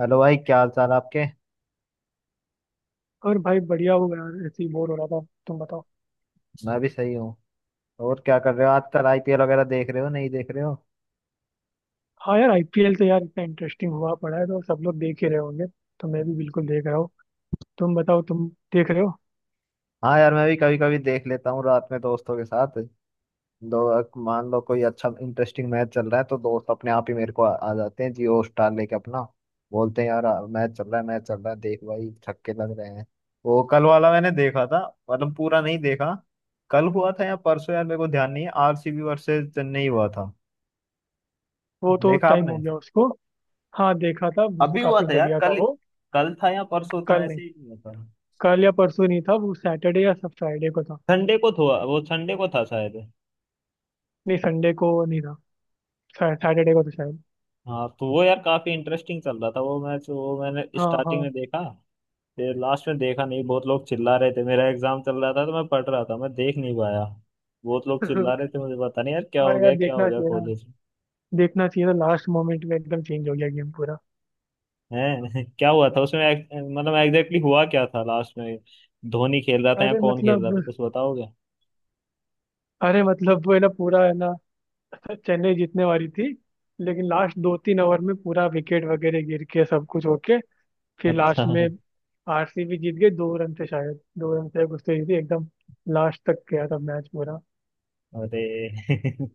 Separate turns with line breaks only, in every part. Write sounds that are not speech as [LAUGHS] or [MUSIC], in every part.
Hello भाई, क्या हाल चाल आपके।
और भाई बढ़िया हो यार। ऐसे ही बोर हो रहा था। तुम बताओ।
मैं भी सही हूँ। और क्या कर रहे हो आजकल, आईपीएल वगैरह देख रहे हो, नहीं देख रहे हो?
हाँ यार, आईपीएल तो यार इतना इंटरेस्टिंग हुआ पड़ा है तो सब लोग देख ही रहे होंगे। तो मैं भी बिल्कुल देख रहा हूँ। तुम बताओ, तुम देख रहे हो?
हाँ यार, मैं भी कभी कभी देख लेता हूँ रात में दोस्तों के साथ। दो, मान लो कोई अच्छा इंटरेस्टिंग मैच चल रहा है तो दोस्त अपने आप ही मेरे को आ जाते हैं जियो स्टार लेके अपना। बोलते हैं यार मैच चल रहा है, मैच चल रहा है, देख भाई छक्के लग रहे हैं। वो कल वाला मैंने देखा था। मतलब पूरा नहीं देखा। कल हुआ था या परसों, यार मेरे को ध्यान नहीं है। आरसीबी वर्सेस चेन्नई हुआ था।
वो तो
देखा
टाइम हो
आपने?
गया उसको। हाँ देखा था, वो
अभी हुआ
काफी
था यार
बढ़िया था
कल।
वो।
कल था या परसों था,
कल नहीं,
ऐसे ही हुआ था।
कल या परसों नहीं था वो, सैटरडे या सब फ्राइडे को था।
संडे को था, वो संडे को था शायद।
नहीं, संडे को नहीं था। सैटरडे को तो शायद।
हाँ तो वो यार काफी इंटरेस्टिंग चल रहा था वो मैच, वो मैंने
हाँ
स्टार्टिंग
हाँ।
में देखा। फिर लास्ट में देखा नहीं, बहुत लोग चिल्ला रहे थे। मेरा एग्जाम चल रहा था तो मैं पढ़ रहा था, मैं देख नहीं पाया। बहुत लोग चिल्ला
[LAUGHS]
रहे थे, मुझे पता नहीं यार
और यार
क्या हो
देखना
गया
चाहिए ना।
कॉलेज
देखना चाहिए था, लास्ट मोमेंट में एकदम चेंज हो गया गेम पूरा।
है। [LAUGHS] क्या हुआ था उसमें मतलब एग्जैक्टली हुआ क्या था लास्ट में? धोनी खेल रहा था या
अरे
कौन खेल रहा
मतलब,
था, कुछ बताओगे?
अरे मतलब वो है ना, पूरा है ना। चेन्नई जीतने वाली थी, लेकिन लास्ट दो तीन ओवर में पूरा विकेट वगैरह गिर के सब कुछ होके, फिर
अच्छा।
लास्ट
[LAUGHS]
में आरसीबी जीत गई दो रन से, शायद दो रन से कुछ, तो जीती एकदम। लास्ट तक गया था मैच पूरा।
अरे [LAUGHS]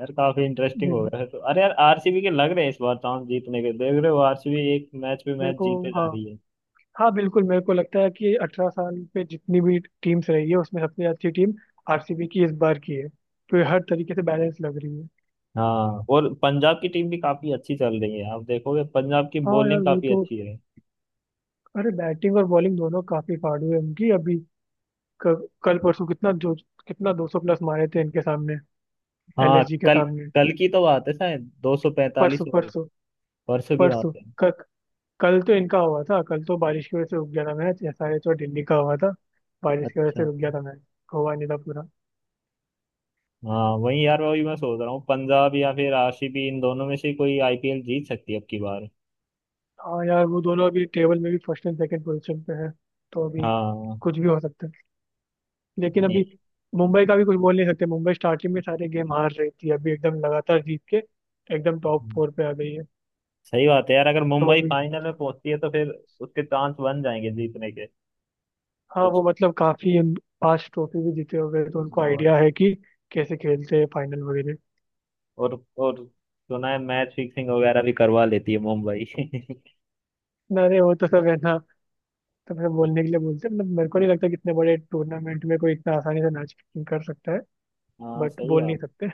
यार काफी इंटरेस्टिंग हो
हम्म,
गया है तो। अरे यार आरसीबी के लग रहे हैं इस बार चांस जीतने के। देख रहे हो, आरसीबी एक मैच पे
मेरे
मैच
को,
जीते जा
हाँ।
रही है।
हाँ बिल्कुल, मेरे को लगता है कि अठारह साल पे जितनी भी टीम्स रही है उसमें सबसे अच्छी टीम आरसीबी की इस बार की है। तो ये हर तरीके से बैलेंस लग रही है।
हाँ, और पंजाब की टीम भी काफी अच्छी चल रही है। आप देखोगे, पंजाब की
हाँ यार
बॉलिंग
वो
काफी
तो,
अच्छी है।
अरे बैटिंग और बॉलिंग दोनों काफी फाड़ू है उनकी अभी। कल परसों कितना जो, कितना दो सौ प्लस मारे थे इनके सामने,
हाँ
एलएसजी के
कल,
सामने।
कल की तो बात है, शायद 245
परसों,
हो गए।
परसों,
परसों की बात
परसों।
है।
क- कल तो इनका हुआ था, कल तो बारिश की वजह से रुक गया था मैच। एसआरएच और दिल्ली का हुआ था, बारिश की वजह से
अच्छा।
रुक गया था मैच, हुआ नहीं था पूरा।
हाँ वही यार, वही मैं सोच रहा हूँ, पंजाब या फिर आरसीबी, इन दोनों में से कोई आईपीएल जीत सकती है अब की बार।
हाँ यार, वो दोनों अभी टेबल में भी फर्स्ट एंड सेकंड पोजीशन पे है। तो अभी
हाँ।
कुछ भी हो सकता है, लेकिन
नहीं,
अभी मुंबई का भी कुछ बोल नहीं सकते। मुंबई स्टार्टिंग में सारे गेम हार रही थी, अभी एकदम लगातार जीत के एकदम टॉप फोर पे आ गई है।
सही बात है यार, अगर
तो
मुंबई
अभी,
फाइनल में पहुंचती है तो फिर उसके चांस बन जाएंगे जीतने के
हाँ
कुछ।
वो मतलब काफी पांच ट्रॉफी भी जीते हो गए तो उनको
हाँ,
आइडिया है कि कैसे खेलते हैं फाइनल वगैरह।
और सुना है मैच फिक्सिंग वगैरह भी करवा लेती है मुंबई। [LAUGHS]
ना अरे, वो तो सब है ना, तो मैं बोलने के लिए बोलते हैं। मतलब मेरे को नहीं लगता कि इतने बड़े टूर्नामेंट में कोई इतना आसानी से मैच कर सकता है।
हाँ
बट
सही
बोल नहीं
बात।
सकते,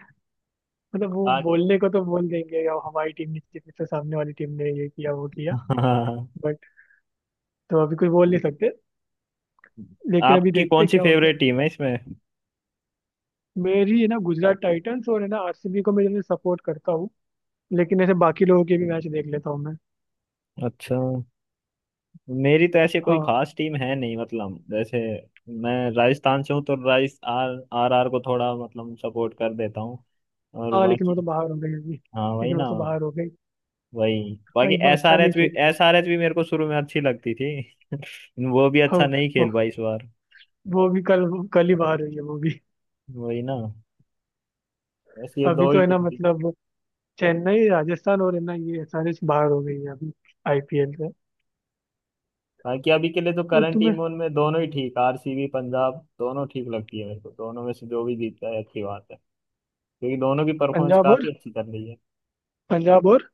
मतलब वो
आज
बोलने को तो बोल देंगे या हमारी टीम ने जीती तो सामने वाली टीम ने ये किया वो किया।
[LAUGHS] हाँ।
बट तो अभी कुछ बोल नहीं सकते, लेकिन अभी
आपकी
देखते
कौन
हैं
सी
क्या होता है।
फेवरेट टीम है इसमें?
मेरी है ना गुजरात टाइटंस, और है ना आरसीबी को मैं सपोर्ट करता हूँ। लेकिन ऐसे बाकी लोगों के भी मैच देख लेता हूँ मैं।
अच्छा, मेरी तो ऐसे कोई
हाँ
खास टीम है नहीं, मतलब जैसे मैं राजस्थान से हूँ तो राइस आर आर आर को थोड़ा मतलब सपोर्ट कर देता हूँ। और
हाँ, लेकिन वो तो
बाकी,
बाहर हो गई अभी,
हाँ वही
लेकिन
ना।
वो तो बाहर हो गई।
वही,
हाँ,
बाकी
इस बार
एस
अच्छा
आर
नहीं
एच भी,
खेली वो।
एस आर एच भी मेरे को शुरू में अच्छी लगती थी। वो भी
हाँ,
अच्छा नहीं खेल
वो
पाई इस बार।
वो भी कल, कल ही बाहर हुई है वो भी।
वही ना, बस ये
अभी
दो ही
तो है ना
टीम थी।
मतलब चेन्नई, राजस्थान और है ना ये एसआरएच बाहर हो गई है अभी आईपीएल से।
बाकी अभी के लिए तो
तो
करंट
तुम्हें,
टीम उनमें दोनों ही ठीक, आरसीबी पंजाब दोनों ठीक लगती है मेरे को। दोनों में से जो भी जीतता है अच्छी बात है क्योंकि दोनों की परफॉर्मेंस
पंजाब और
काफी अच्छी चल रही है।
पंजाब और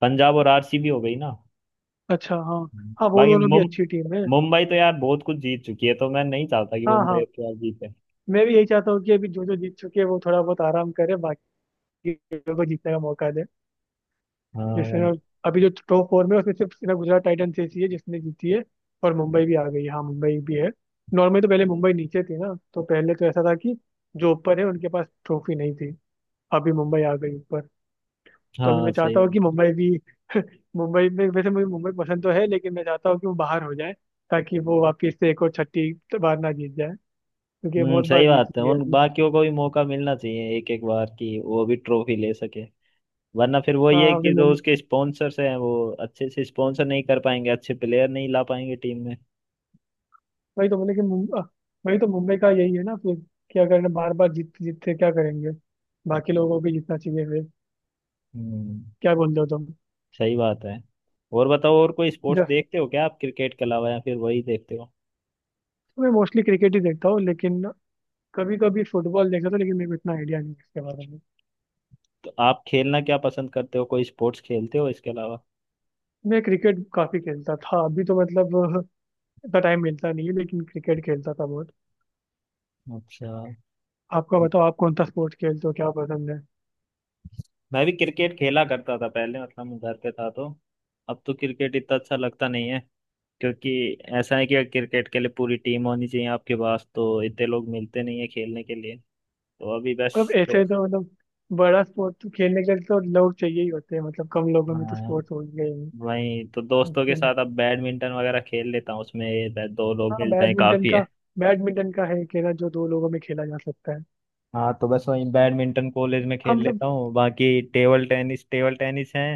पंजाब और आरसीबी हो गई ना।
अच्छा, हाँ हाँ, वो
बाकी
दोनों भी
मुम
अच्छी टीम है।
मुंबई तो यार बहुत कुछ जीत चुकी है तो मैं नहीं चाहता कि
हाँ
मुंबई
हाँ,
अब क्या जीते।
मैं भी यही चाहता हूँ कि अभी जो जो जीत चुके हैं वो थोड़ा बहुत आराम करे, बाकी लोगों को जीतने का मौका दे।
हाँ
जिसमें ना,
वही।
अभी जो टॉप फोर में है, उसमें सिर्फ ना गुजरात टाइटंस ऐसी है जिसने जीती है। और मुंबई भी आ गई है, हाँ मुंबई भी है। नॉर्मली तो पहले मुंबई नीचे थी ना, तो पहले तो ऐसा था कि जो ऊपर है उनके पास ट्रॉफी नहीं थी। अभी मुंबई आ गई ऊपर, तो अभी
हाँ
मैं
सही।
चाहता हूँ कि मुंबई भी [LAUGHS] मुंबई में वैसे मुझे मुंबई पसंद तो है, लेकिन मैं चाहता हूँ कि वो बाहर हो जाए, ताकि वो वापस से एक और छठी बार ना जीत जाए, क्योंकि ये
हम्म,
बहुत
सही
बार जीत
बात है,
लिया
उन
अभी।
बाकियों को भी मौका मिलना चाहिए, एक एक बार की वो भी ट्रॉफी ले सके। वरना फिर वो ये है
हाँ अभी
कि जो
मुंबई,
उसके स्पॉन्सर्स हैं वो अच्छे से स्पॉन्सर नहीं कर पाएंगे, अच्छे प्लेयर नहीं ला पाएंगे टीम में।
वही तो बोले कि वही तो मुंबई का यही है ना फिर, कि अगर बार बार जीत जीतते क्या करेंगे, बाकी लोगों को भी जीतना चाहिए फिर।
हम्म,
क्या बोल रहे हो तुम?
सही बात है। और बताओ, और कोई स्पोर्ट्स
ज-
देखते हो क्या आप क्रिकेट के अलावा, या फिर वही देखते हो?
मैं मोस्टली क्रिकेट ही देखता हूँ, लेकिन कभी कभी फुटबॉल देखता था, लेकिन मेरे को इतना आइडिया नहीं है इसके बारे में।
तो आप खेलना क्या पसंद करते हो, कोई स्पोर्ट्स खेलते हो इसके अलावा?
मैं क्रिकेट काफी खेलता था, अभी तो मतलब इतना टाइम मिलता नहीं है, लेकिन क्रिकेट खेलता था बहुत।
अच्छा,
आपका बताओ, आप कौन सा स्पोर्ट खेलते हो, क्या पसंद है?
मैं भी क्रिकेट खेला करता था पहले, मतलब मैं घर पे था तो। अब तो क्रिकेट इतना अच्छा लगता नहीं है क्योंकि ऐसा है कि क्रिकेट के लिए पूरी टीम होनी चाहिए आपके पास, तो इतने लोग मिलते नहीं है खेलने के लिए। तो अभी बस
मतलब
तो।
ऐसे तो मतलब बड़ा स्पोर्ट खेलने के लिए तो लोग चाहिए ही होते हैं। मतलब कम लोगों में तो
हाँ,
स्पोर्ट्स हो ही गए ही
वही तो, दोस्तों के
मुश्किल है।
साथ अब बैडमिंटन वगैरह खेल लेता हूँ, उसमें बस दो लोग
हाँ
मिल जाए
बैडमिंटन
काफी
का,
है।
बैडमिंटन का है खेला, जो दो लोगों में खेला जा सकता है।
हाँ तो बस वही, बैडमिंटन कॉलेज में
हाँ
खेल
मतलब,
लेता हूँ। बाकी टेबल टेनिस, टेबल टेनिस है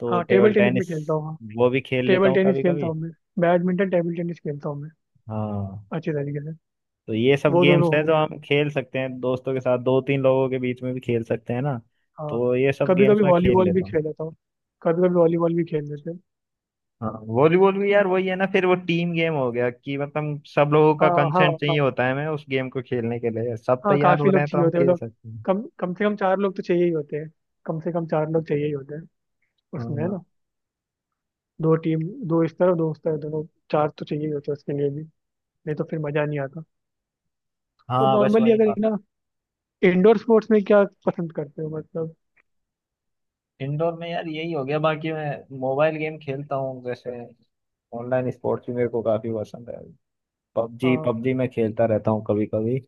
तो।
हाँ टेबल
टेबल
टेनिस में
टेनिस
खेलता हूँ। हाँ
वो भी खेल लेता
टेबल
हूँ
टेनिस
कभी
खेलता
कभी।
हूँ मैं, बैडमिंटन टेबल टेनिस खेलता हूँ मैं
हाँ
अच्छे तरीके से।
तो ये सब
वो दोनों
गेम्स है
हो
जो
गया।
हम खेल सकते हैं दोस्तों के साथ, दो तीन लोगों के बीच में भी खेल सकते हैं ना।
हाँ,
तो ये सब
कभी
गेम्स
कभी
मैं खेल
वॉलीबॉल भी
लेता हूँ।
खेल लेता हूँ, कभी कभी वॉलीबॉल भी खेल लेते हैं।
हाँ वॉलीबॉल भी यार, वही है ना फिर, वो टीम गेम हो गया कि मतलब सब लोगों का
हाँ हाँ
कंसेंट
हाँ,
चाहिए होता है हमें, उस गेम को खेलने के लिए सब
हाँ
तैयार
काफी
हो रहे
लोग
हैं तो
चाहिए
हम
होते हैं
खेल
मतलब,
सकते हैं।
कम कम से कम चार लोग तो चाहिए ही होते हैं, कम से कम चार लोग चाहिए ही होते हैं उसमें, है
हाँ।
ना। दो टीम, दो इस तरफ दो उस तरफ, दोनों चार तो चाहिए ही होते हैं उसके लिए भी, नहीं तो फिर मजा नहीं आता। और
हाँ बस
नॉर्मली
वही।
अगर है ना, इंडोर स्पोर्ट्स में क्या पसंद करते हो मतलब?
इंडोर में यार यही हो गया, बाकी मैं मोबाइल गेम खेलता हूँ। जैसे ऑनलाइन स्पोर्ट्स भी मेरे को काफी पसंद है। पबजी,
हाँ।
पबजी मैं खेलता रहता हूँ कभी कभी।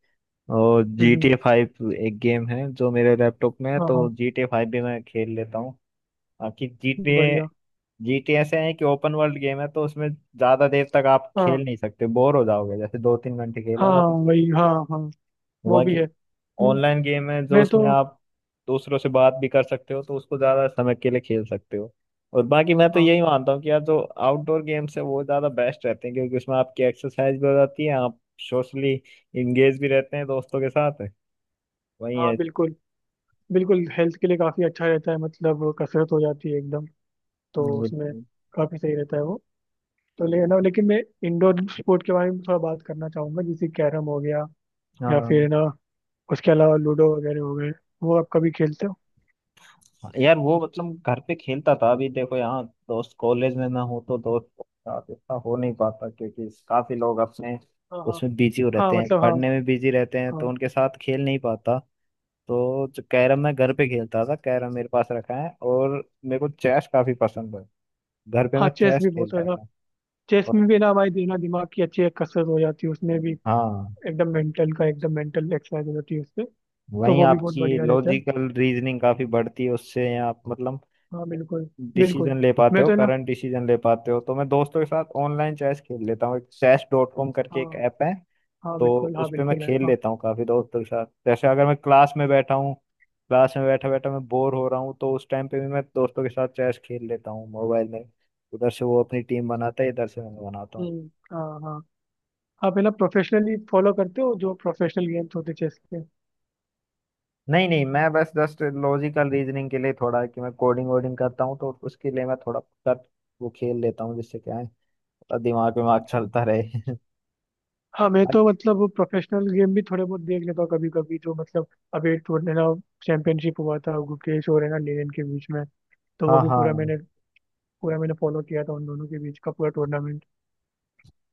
और
हम्म
जी टी
हम्म,
ए फाइव एक गेम है जो मेरे लैपटॉप में है,
हाँ
तो
हाँ
जी टी ए फाइव भी मैं खेल लेता हूँ। बाकी जी टी ए,
बढ़िया।
जी टी ऐसे है कि ओपन वर्ल्ड गेम है तो उसमें ज्यादा देर तक आप खेल
हाँ
नहीं सकते, बोर हो जाओगे, जैसे दो तीन घंटे खेला ना
हाँ
तो।
वही, हाँ हाँ वो भी
बाकी
है।
ऑनलाइन गेम है जो,
मैं
उसमें
तो,
आप दूसरों से बात भी कर सकते हो तो उसको ज्यादा समय के लिए खेल सकते हो। और बाकी मैं तो
हाँ
यही मानता हूँ कि यार जो आउटडोर गेम्स है वो ज्यादा बेस्ट रहते हैं, क्योंकि उसमें आपकी एक्सरसाइज भी हो जाती है, आप सोशली इंगेज भी रहते हैं दोस्तों के साथ। वही
हाँ
है।
बिल्कुल। बिल्कुल, हेल्थ के लिए काफी अच्छा रहता है मतलब, कसरत हो जाती है एकदम। तो उसमें
बिल्कुल।
काफी सही रहता है वो। तो ले ना, लेकिन मैं इंडोर स्पोर्ट के बारे में थोड़ा बात करना चाहूंगा, जैसे कैरम हो गया या
हाँ
फिर ना, उसके अलावा लूडो वगैरह हो गए, वो आप कभी खेलते हो?
यार, वो मतलब घर पे खेलता था, अभी देखो यहाँ दोस्त कॉलेज में ना हो तो दोस्त के साथ इतना हो नहीं पाता, क्योंकि काफी लोग अपने
हाँ हाँ,
उसमें बिजी हो
हाँ
रहते हैं,
मतलब हाँ,
पढ़ने में बिजी रहते हैं, तो
हाँ
उनके साथ खेल नहीं पाता। तो जो कैरम मैं घर पे खेलता था, कैरम मेरे पास रखा है। और मेरे को चेस काफी पसंद है, घर पे
हाँ
मैं
चेस
चेस
भी बहुत है
खेलता
ना।
था।
चेस
और
में भी ना, हमारी देना दिमाग की अच्छी एक कसरत हो जाती है उसमें भी,
हाँ,
एकदम मेंटल का, एकदम मेंटल एक्सरसाइज हो जाती है उससे, तो
वहीं
वो भी बहुत
आपकी
बढ़िया रहता है।
लॉजिकल रीजनिंग काफी बढ़ती है उससे, आप मतलब
हाँ बिल्कुल, बिल्कुल
डिसीजन ले पाते
मैं
हो,
तो है ना,
करंट डिसीजन ले पाते हो। तो मैं दोस्तों के साथ ऑनलाइन चेस खेल लेता हूँ, एक चेस डॉट कॉम करके
हाँ
एक ऐप है
हाँ
तो
बिल्कुल, हाँ
उस पे मैं
बिल्कुल है
खेल
हाँ।
लेता हूँ काफी दोस्तों के साथ। जैसे अगर मैं क्लास में बैठा हूँ, क्लास में बैठा बैठा मैं बोर हो रहा हूँ, तो उस टाइम पे भी मैं दोस्तों के साथ चेस खेल लेता हूँ मोबाइल में। उधर से वो अपनी टीम बनाता है, इधर से मैं बनाता हूँ।
हम्म, हाँ हाँ, आप है ना प्रोफेशनली फॉलो करते हो जो प्रोफेशनल गेम्स होते चेस के?
नहीं नहीं, मैं बस जस्ट लॉजिकल रीजनिंग के लिए, थोड़ा कि मैं कोडिंग वोडिंग करता हूँ तो उसके लिए मैं थोड़ा कर वो खेल लेता हूँ, जिससे क्या है, थोड़ा दिमाग विमाग
अच्छा।
चलता रहे। [LAUGHS]
हाँ मैं तो मतलब, वो प्रोफेशनल गेम भी थोड़े बहुत देख लेता हूँ कभी कभी, जो मतलब अभी एक टूर्नामेंट ना, चैंपियनशिप हुआ था गुकेश और है ना लेनिन के बीच में, तो वो
हाँ
भी पूरा
हाँ
मैंने, पूरा मैंने फॉलो किया था उन दोनों के बीच का पूरा टूर्नामेंट।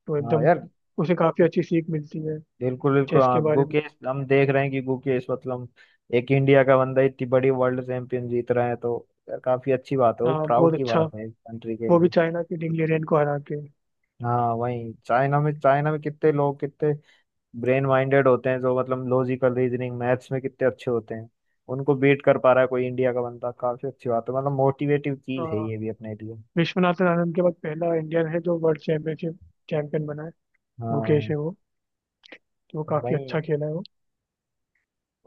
तो
हाँ
एकदम
यार,
उसे काफ़ी अच्छी सीख मिलती है
बिल्कुल बिल्कुल।
चेस
हाँ
के बारे में।
गुकेश, हम देख रहे हैं कि गुकेश मतलब एक इंडिया का बंदा इतनी बड़ी वर्ल्ड चैंपियन जीत रहा है तो यार काफी अच्छी बात है, बहुत
हाँ
प्राउड
बहुत
की
अच्छा,
बात है कंट्री के
वो भी
लिए।
चाइना के डिंग लिरेन को हरा के।
हाँ वही, चाइना में, चाइना में कितने लोग, कितने ब्रेन माइंडेड होते हैं जो, मतलब लॉजिकल रीजनिंग मैथ्स में कितने अच्छे होते हैं, उनको बीट कर पा रहा है कोई इंडिया का बंदा, काफी अच्छी बात है। मतलब मोटिवेटिव चीज है
हाँ,
ये भी अपने लिए।
विश्वनाथन आनंद के बाद पहला इंडियन है जो वर्ल्ड चैंपियनशिप चैंपियन बना है, गुकेश
हाँ
है वो। तो वो काफ़ी अच्छा
वही।
खेला है वो।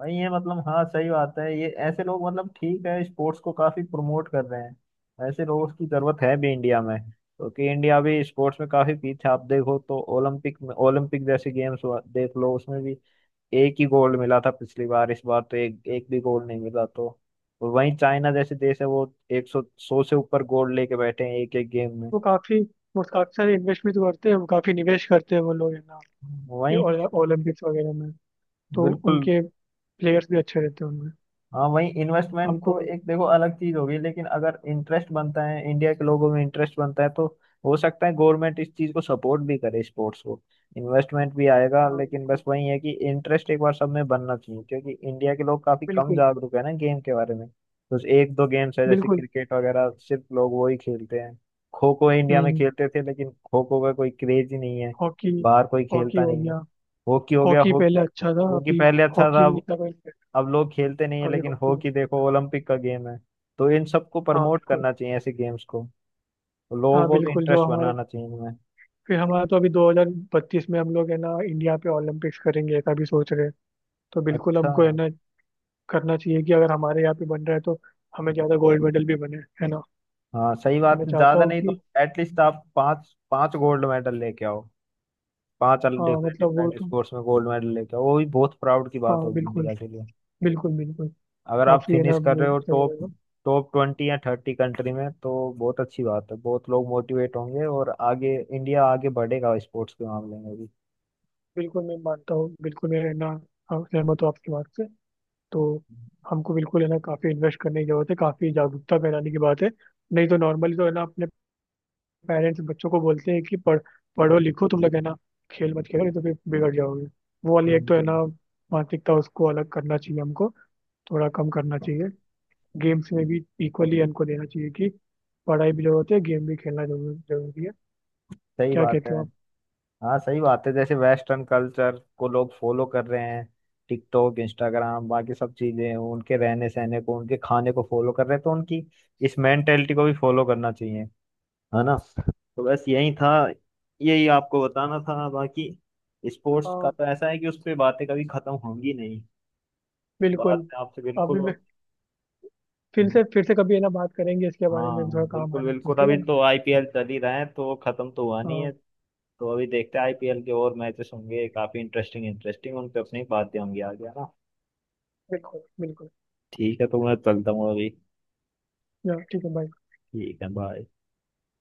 भाई ये मतलब, हाँ सही बात है, ये ऐसे लोग, मतलब ठीक है, स्पोर्ट्स को काफी प्रमोट कर रहे हैं। ऐसे लोगों की जरूरत है भी इंडिया में, क्योंकि इंडिया भी स्पोर्ट्स में काफी पीछे, आप देखो तो ओलंपिक में, ओलंपिक जैसे गेम्स देख लो, उसमें भी एक ही गोल्ड मिला था पिछली बार, इस बार तो एक एक भी गोल्ड नहीं मिला तो। और वहीं चाइना जैसे देश है, वो एक सौ, सौ से ऊपर गोल्ड लेके बैठे हैं एक एक गेम में।
वो काफ़ी, वो काफ़ी सारे इन्वेस्टमेंट करते हैं, वो काफ़ी निवेश करते हैं वो लोग है ना, ये
वहीं
ओलंपिक्स वगैरह में। तो
बिल्कुल।
उनके प्लेयर्स भी अच्छे रहते हैं उनमें।
हाँ वही, इन्वेस्टमेंट
हमको,
तो एक देखो अलग चीज होगी, लेकिन अगर इंटरेस्ट बनता है, इंडिया के लोगों में इंटरेस्ट बनता है तो हो सकता है गवर्नमेंट इस चीज को सपोर्ट भी करे, स्पोर्ट्स को इन्वेस्टमेंट भी आएगा।
हाँ
लेकिन बस
बिल्कुल
वही है कि इंटरेस्ट एक बार सब में बनना चाहिए, क्योंकि इंडिया के लोग काफी कम
बिल्कुल
जागरूक है ना गेम के बारे में। तो एक दो गेम्स है जैसे
बिल्कुल।
क्रिकेट वगैरह सिर्फ लोग वो ही खेलते हैं। खो खो इंडिया में
हम्म,
खेलते थे, लेकिन खो खो का कोई क्रेज ही नहीं है,
हॉकी,
बाहर कोई
हॉकी
खेलता
हो
नहीं है।
गया।
हॉकी हो गया,
हॉकी पहले अच्छा था,
हॉकी
अभी
पहले अच्छा
हॉकी
था,
भी इतना कोई नहीं करता,
अब लोग खेलते नहीं है,
अभी
लेकिन
हॉकी भी नहीं
हॉकी देखो
करता। हाँ
ओलंपिक का गेम है। तो इन सबको
हाँ
प्रमोट
बिल्कुल।
करना चाहिए, ऐसे गेम्स को लोगों
हाँ
को भी
बिल्कुल जो
इंटरेस्ट
हमारे,
बनाना चाहिए इनमें।
फिर हमारा तो अभी 2032 में हम लोग है ना इंडिया पे ओलंपिक्स करेंगे ऐसा भी सोच रहे हैं। तो बिल्कुल
अच्छा।
हमको है ना करना चाहिए कि अगर हमारे यहाँ पे बन रहा है तो हमें ज़्यादा गोल्ड मेडल भी बने, है ना।
हाँ सही
तो
बात
मैं
है,
चाहता
ज्यादा
हूँ
नहीं तो
कि,
एटलीस्ट आप पांच पांच गोल्ड मेडल लेके आओ, पांच
हाँ
डिफरेंट
मतलब वो
डिफरेंट
तो,
स्पोर्ट्स में गोल्ड मेडल लेके आओ, वो भी बहुत प्राउड की बात
हाँ
होगी
बिल्कुल
इंडिया के लिए।
बिल्कुल बिल्कुल,
अगर आप
काफी है ना,
फिनिश कर रहे
वो
हो
सही
टॉप,
रहेगा।
20 या 30 कंट्री में, तो बहुत अच्छी बात है, बहुत लोग मोटिवेट होंगे और आगे इंडिया आगे बढ़ेगा स्पोर्ट्स के मामले में भी।
बिल्कुल मैं मानता हूँ, बिल्कुल मैं है ना, हाँ, सहमत हूँ आपकी बात से। तो हमको बिल्कुल है ना काफी इन्वेस्ट करने की जरूरत है, काफी जागरूकता फैलाने की बात है। नहीं तो नॉर्मली तो है ना, अपने पेरेंट्स बच्चों को बोलते हैं कि पढ़ो लिखो तुम लोग, है ना, खेल मत खेलो नहीं तो फिर बिगड़ जाओगे। वो वाली एक तो है ना
हम्म,
मानसिकता, उसको अलग करना चाहिए हमको, थोड़ा कम करना चाहिए। गेम्स में भी इक्वली हमको देना चाहिए कि पढ़ाई भी जरूरत है, गेम भी खेलना जरूरी है।
सही
क्या
बात है।
कहते हो
हाँ सही बात है, जैसे वेस्टर्न कल्चर को लोग फॉलो कर रहे हैं, टिकटॉक, इंस्टाग्राम, बाकी सब चीजें, उनके रहने सहने को, उनके खाने को फॉलो कर रहे हैं, तो उनकी इस मेंटेलिटी को भी फॉलो करना चाहिए, है ना। तो बस यही था, यही आपको बताना था, बाकी स्पोर्ट्स का
आप?
तो ऐसा है कि उस पर बातें कभी खत्म होंगी नहीं।
बिल्कुल,
बात मैं आपसे बिल्कुल।
अभी मैं फिर से कभी है ना बात करेंगे इसके बारे में
हाँ
भी, थोड़ा काम आ
बिल्कुल
रहा है तो
बिल्कुल,
ठीक
अभी
है ना।
तो आईपीएल चल ही रहा है तो खत्म तो हुआ नहीं
हाँ
है। तो अभी देखते हैं, आईपीएल के और मैचेस होंगे, काफी इंटरेस्टिंग इंटरेस्टिंग उन पे अपनी बातें होंगी आगे, है ना।
बिल्कुल बिल्कुल।
ठीक है तो मैं चलता हूँ अभी।
या, ठीक है बाय।
ठीक है बाय।